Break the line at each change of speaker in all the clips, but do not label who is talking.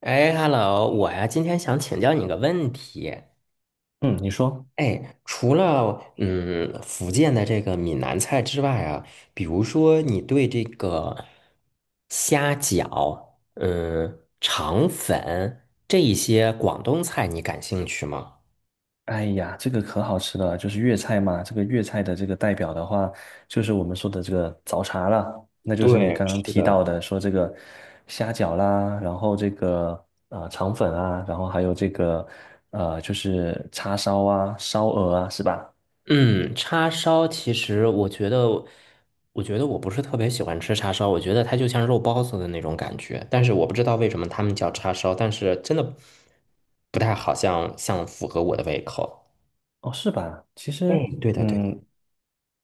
哎，hello，我呀，今天想请教你个问题。
嗯，你说。
哎，除了福建的这个闽南菜之外啊，比如说你对这个虾饺、肠粉这一些广东菜，你感兴趣吗？
哎呀，这个可好吃了，就是粤菜嘛。这个粤菜的这个代表的话，就是我们说的这个早茶了，那就是你
对，
刚刚
是
提
的。
到的，说这个虾饺啦，然后这个啊肠粉啊，然后还有这个就是叉烧啊、烧鹅啊，是吧？
嗯，叉烧其实我觉得我不是特别喜欢吃叉烧，我觉得它就像肉包子的那种感觉，但是我不知道为什么他们叫叉烧，但是真的不太好像符合我的胃口。
哦，是吧？其实，
嗯，对的，对的。
嗯。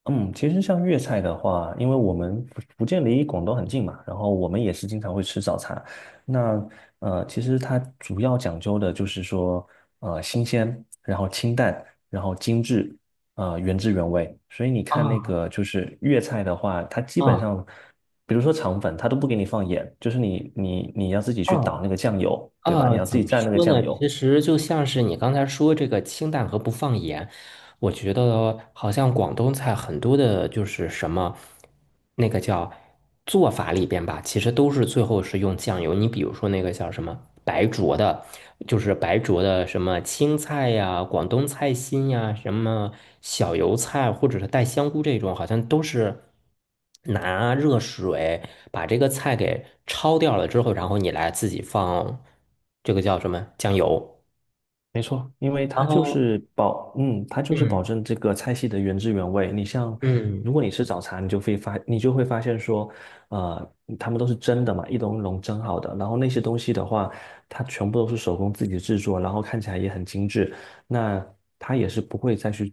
嗯，其实像粤菜的话，因为我们福建离广东很近嘛，然后我们也是经常会吃早茶。那其实它主要讲究的就是说，新鲜，然后清淡，然后精致，原汁原味。所以你看那
啊
个就是粤菜的话，它基本
啊
上，比如说肠粉，它都不给你放盐，就是你要自己
啊
去倒那个酱油，对吧？你
啊！
要自
怎
己
么
蘸那个
说
酱
呢？
油。
其实就像是你刚才说这个清淡和不放盐，我觉得好像广东菜很多的，就是什么那个叫做法里边吧，其实都是最后是用酱油。你比如说那个叫什么白灼的，就是白灼的什么青菜呀、广东菜心呀、什么小油菜或者是带香菇这种，好像都是拿热水把这个菜给焯掉了之后，然后你来自己放这个叫什么酱油，
没错，因为
然
它就
后
是保，嗯，它就是
嗯
保证这个菜系的原汁原味。你像，
嗯，
如果你吃早茶，你就会发，你就会发现说，他们都是蒸的嘛，一笼一笼蒸好的。然后那些东西的话，它全部都是手工自己制作，然后看起来也很精致。那它也是不会再去，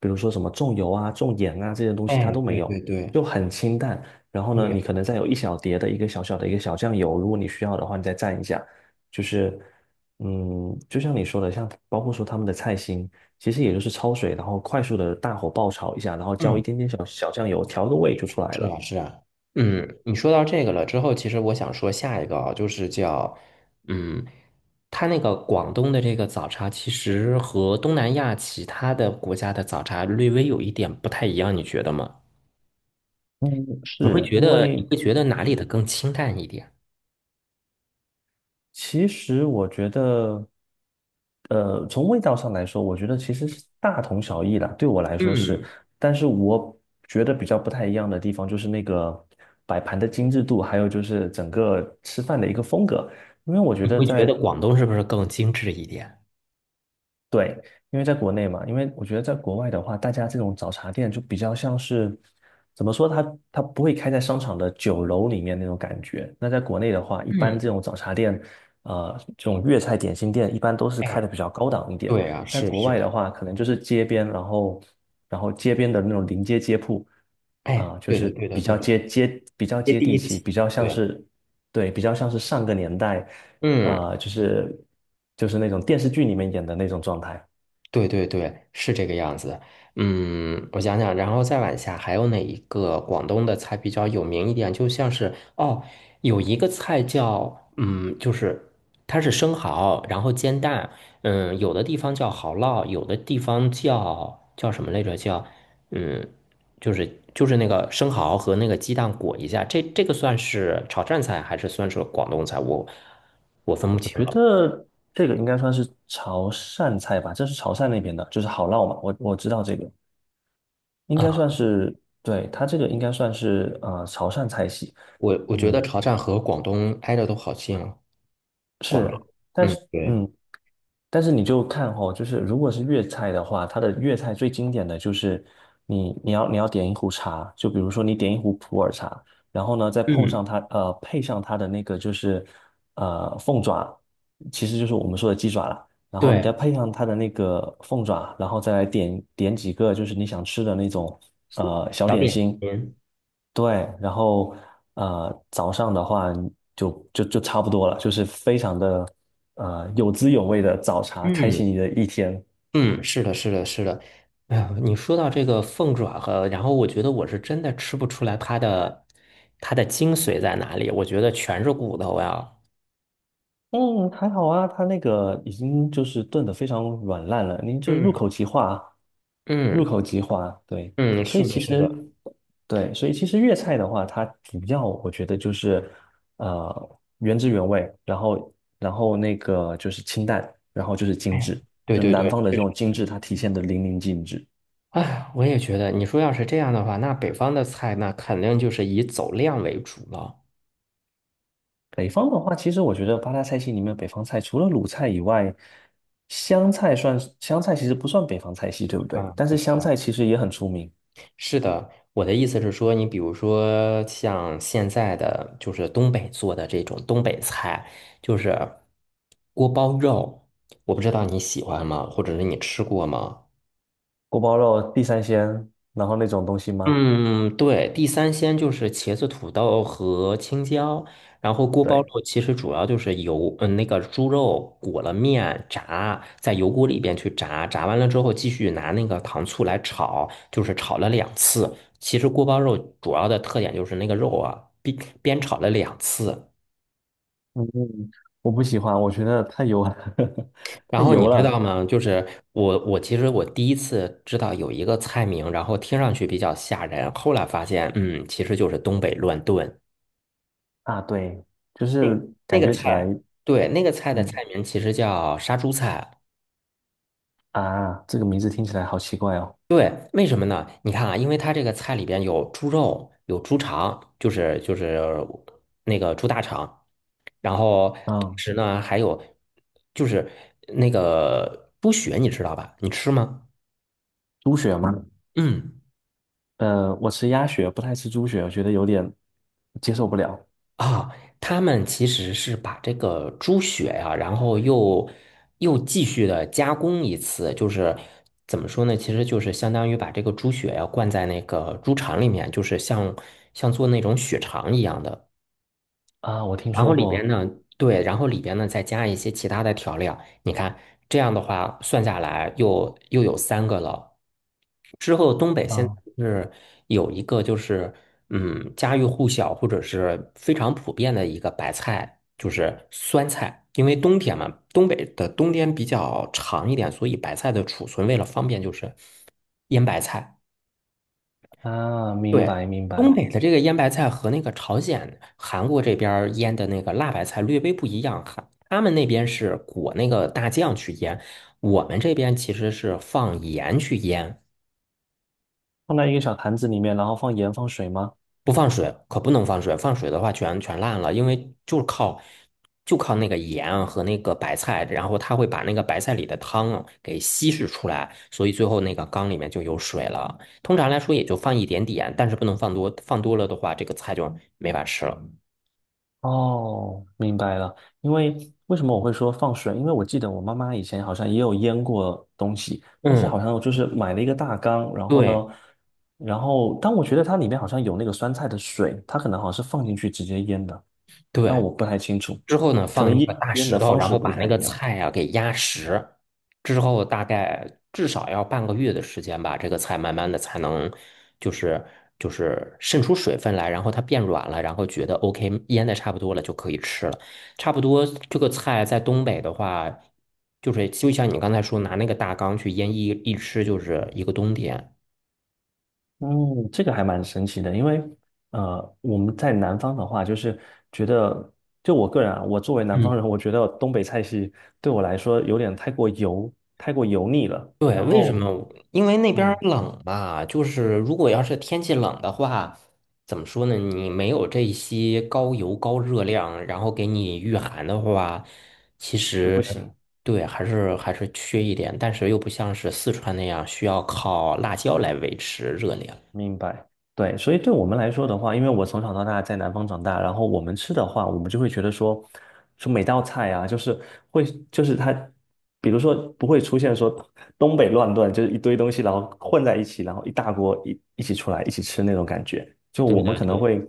比如说什么重油啊、重盐啊这些东西，它
哎，
都没
对对
有，
对。
就很清淡。然后呢，你
对，
可能再有一小碟的一个小小的一个小酱油，如果你需要的话，你再蘸一下，就是。嗯，就像你说的，像包括说他们的菜心，其实也就是焯水，然后快速的大火爆炒一下，然后浇
嗯，
一点点小小酱油，调个味就出来
是啊，
了。
是啊，嗯，你说到这个了之后，其实我想说下一个啊，就是叫，嗯，它那个广东的这个早茶，其实和东南亚其他的国家的早茶略微有一点不太一样，你觉得吗？
嗯，
你会
是
觉
因
得你
为，
会觉得哪里的
嗯
更清淡一点？
其实我觉得，从味道上来说，我觉得其实是大同小异啦，对我来说是，
嗯，
但是我觉得比较不太一样的地方就是那个摆盘的精致度，还有就是整个吃饭的一个风格。因为我觉
你
得
会觉
在。
得广东是不是更精致一点？
对，因为在国内嘛，因为我觉得在国外的话，大家这种早茶店就比较像是，怎么说，它不会开在商场的酒楼里面那种感觉。那在国内的话，一般这
嗯，
种早茶店，这种粤菜点心店一般都是开
哎，
的比较高档一点。
对啊，
在
是
国
是
外的
的，
话，可能就是街边，然后街边的那种临街街铺，
哎，
啊、就
对的，
是
对的，
比
对
较
的，
接接比较
第
接地
一
气，
气，
比较像
对，
是。对，比较像是上个年代。
嗯。
啊，就是那种电视剧里面演的那种状态。
对对对，是这个样子。嗯，我想想，然后再往下还有哪一个广东的菜比较有名一点？就像是哦，有一个菜叫就是它是生蚝，然后煎蛋。嗯，有的地方叫蚝烙，有的地方叫什么来着？叫嗯，就是那个生蚝和那个鸡蛋裹一下。这个算是潮汕菜还是算是广东菜？我分不
我
清
觉
了
得这个应该算是潮汕菜吧，这是潮汕那边的，就是好烙嘛。我知道这个应
啊。
该算是，对，它这个应该算是啊潮汕菜系。
我觉得
嗯，
潮汕和广东挨着都好近啊。管了。
是。但
嗯
是
对，
嗯，但是你就看哦，就是如果是粤菜的话，它的粤菜最经典的就是你要点一壶茶，就比如说你点一壶普洱茶，然后呢再碰
嗯，
上它配上它的那个就是凤爪，其实就是我们说的鸡爪啦，然后你再
对，
配上它的那个凤爪，然后再来点几个就是你想吃的那种小
小
点
点
心，
心。
对，然后早上的话就差不多了，就是非常的有滋有味的早茶，开
嗯
启你的一天。
嗯，是的，是的，是的。哎呀，你说到这个凤爪和，然后我觉得我是真的吃不出来它的精髓在哪里，我觉得全是骨头呀。
嗯，还好啊，它那个已经就是炖的非常软烂了，您就是入
嗯
口即化，入
嗯
口即化，对，
嗯，
所以
是的，
其
是的。
实，对，所以其实粤菜的话，它主要我觉得就是原汁原味，然后那个就是清淡，然后就是精
哎，
致，
对
就
对
南
对，
方的
确
这
实。
种精致，它体现的淋漓尽致。
哎，我也觉得，你说要是这样的话，那北方的菜那肯定就是以走量为主了。
北方的话，其实我觉得八大菜系里面，北方菜除了鲁菜以外，湘菜其实不算北方菜系，对不对？
嗯，
但是
对
湘菜其实也很出名。
是的，我的意思是说，你比如说像现在的就是东北做的这种东北菜，就是锅包肉，我不知道你喜欢吗，或者是你吃过吗？
锅包肉、地三鲜，然后那种东西吗？
嗯，对，地三鲜就是茄子、土豆和青椒，然后锅包
对，
肉其实主要就是油，那个猪肉裹了面炸，在油锅里边去炸，炸完了之后继续拿那个糖醋来炒，就是炒了两次。其实锅包肉主要的特点就是那个肉啊，煸炒了两次。
嗯，我不喜欢，我觉得太油了，
然
太
后你
油
啊知道
了。
吗？就是我其实我第一次知道有一个菜名，然后听上去比较吓人，后来发现，其实就是东北乱炖。
啊！对，就
那
是
那
感
个
觉起来，
菜，对，那个菜的
嗯。
菜名其实叫杀猪菜。
啊，这个名字听起来好奇怪哦。
对，为什么呢？你看啊，因为它这个菜里边有猪肉，有猪肠，就是那个猪大肠，然后同
嗯，
时呢还有就是那个猪血，你知道吧？你吃吗？
猪血吗？
嗯。
我吃鸭血，不太吃猪血，我觉得有点接受不了。
啊，他们其实是把这个猪血呀、然后又继续的加工一次，就是怎么说呢？其实就是相当于把这个猪血呀、灌在那个猪肠里面，就是像做那种血肠一样的。
啊。我听
然后
说
里边
过。
呢，对，然后里边呢再加一些其他的调料。你看，这样的话算下来又有三个了。之后东北现在
啊。
是有一个就是家喻户晓或者是非常普遍的一个白菜，就是酸菜。因为冬天嘛，东北的冬天比较长一点，所以白菜的储存为了方便就是腌白菜。
啊，明
对，
白明
东
白。
北的这个腌白菜和那个朝鲜、韩国这边儿腌的那个辣白菜略微不一样，哈，他们那边是裹那个大酱去腌，我们这边其实是放盐去腌，
放在一个小坛子里面，然后放盐放水吗？
不放水，可不能放水，放水的话全烂了，因为就是靠就靠那个盐和那个白菜，然后它会把那个白菜里的汤啊给稀释出来，所以最后那个缸里面就有水了。通常来说也就放一点点，但是不能放多，放多了的话这个菜就没法吃了。
哦，明白了。因为为什么我会说放水？因为我记得我妈妈以前好像也有腌过东西，但是好
嗯。
像就是买了一个大缸，然后呢，
对
然后但我觉得它里面好像有那个酸菜的水，它可能好像是放进去直接腌的，那
对，
我不太清楚，
之后呢，
可
放
能
一个
腌
大
腌
石
的
头，
方
然
式
后
不
把那
太
个
一样。
菜啊给压实，之后大概至少要半个月的时间吧，这个菜慢慢的才能就是就是渗出水分来，然后它变软了，然后觉得 OK，腌的差不多了就可以吃了。差不多这个菜在东北的话，就是就像你刚才说，拿那个大缸去腌一吃就是一个冬天。
嗯，这个还蛮神奇的，因为我们在南方的话，就是觉得，就我个人啊，我作为南方
嗯
人，我觉得东北菜系对我来说有点太过油，太过油腻了，
对，
然
为什
后
么我因为那边儿
嗯
冷吧，就是如果要是天气冷的话，怎么说呢？你没有这些高油高热量，然后给你御寒的话，其
就
实
不行。
对，还是缺一点，但是又不像是四川那样需要靠辣椒来维持热量。
明白，对，所以对我们来说的话，因为我从小到大在南方长大，然后我们吃的话，我们就会觉得说，说每道菜啊，就是会，就是它，比如说不会出现说东北乱炖，就是一堆东西然后混在一起，然后一大锅一起出来一起吃那种感觉。就
对
我们
对
可能
对，
会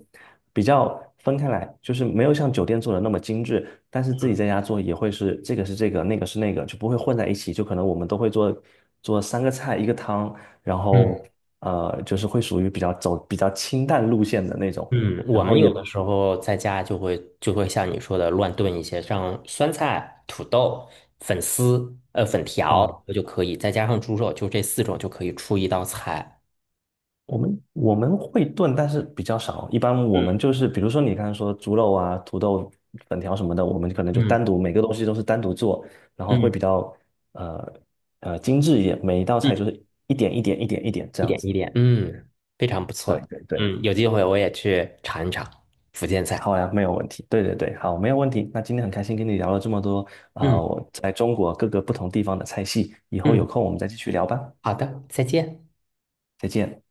比较分开来，就是没有像酒店做的那么精致，但是自己在家做也会是这个是这个，那个是那个，就不会混在一起。就可能我们都会做三个菜一个汤，然
嗯
后就是会属于比较走比较清淡路线的那种，
嗯，我
然后
们
也
有的时候在家就会像你说的乱炖一些，像酸菜、土豆、粉丝、粉条
啊、
就可以，再加上猪肉，就这四种就可以出一道菜。
我们会炖，但是比较少。一般我
嗯
们就是，比如说你刚才说猪肉啊、土豆粉条什么的，我们可能就
嗯
单独每个东西都是单独做，然后
嗯
会比较呃精致一点，每一道菜就
嗯，
是一点一点一点一点这
一
样
点
子。
一点，嗯，非常不
对
错。
对对，
嗯，有机会我也去尝一尝福建菜。
好呀，没有问题。对对对，好，没有问题。那今天很开心跟你聊了这么多啊、
嗯
我在中国各个不同地方的菜系，以后有
嗯，
空我们再继续聊吧。
好的，再见。
再见。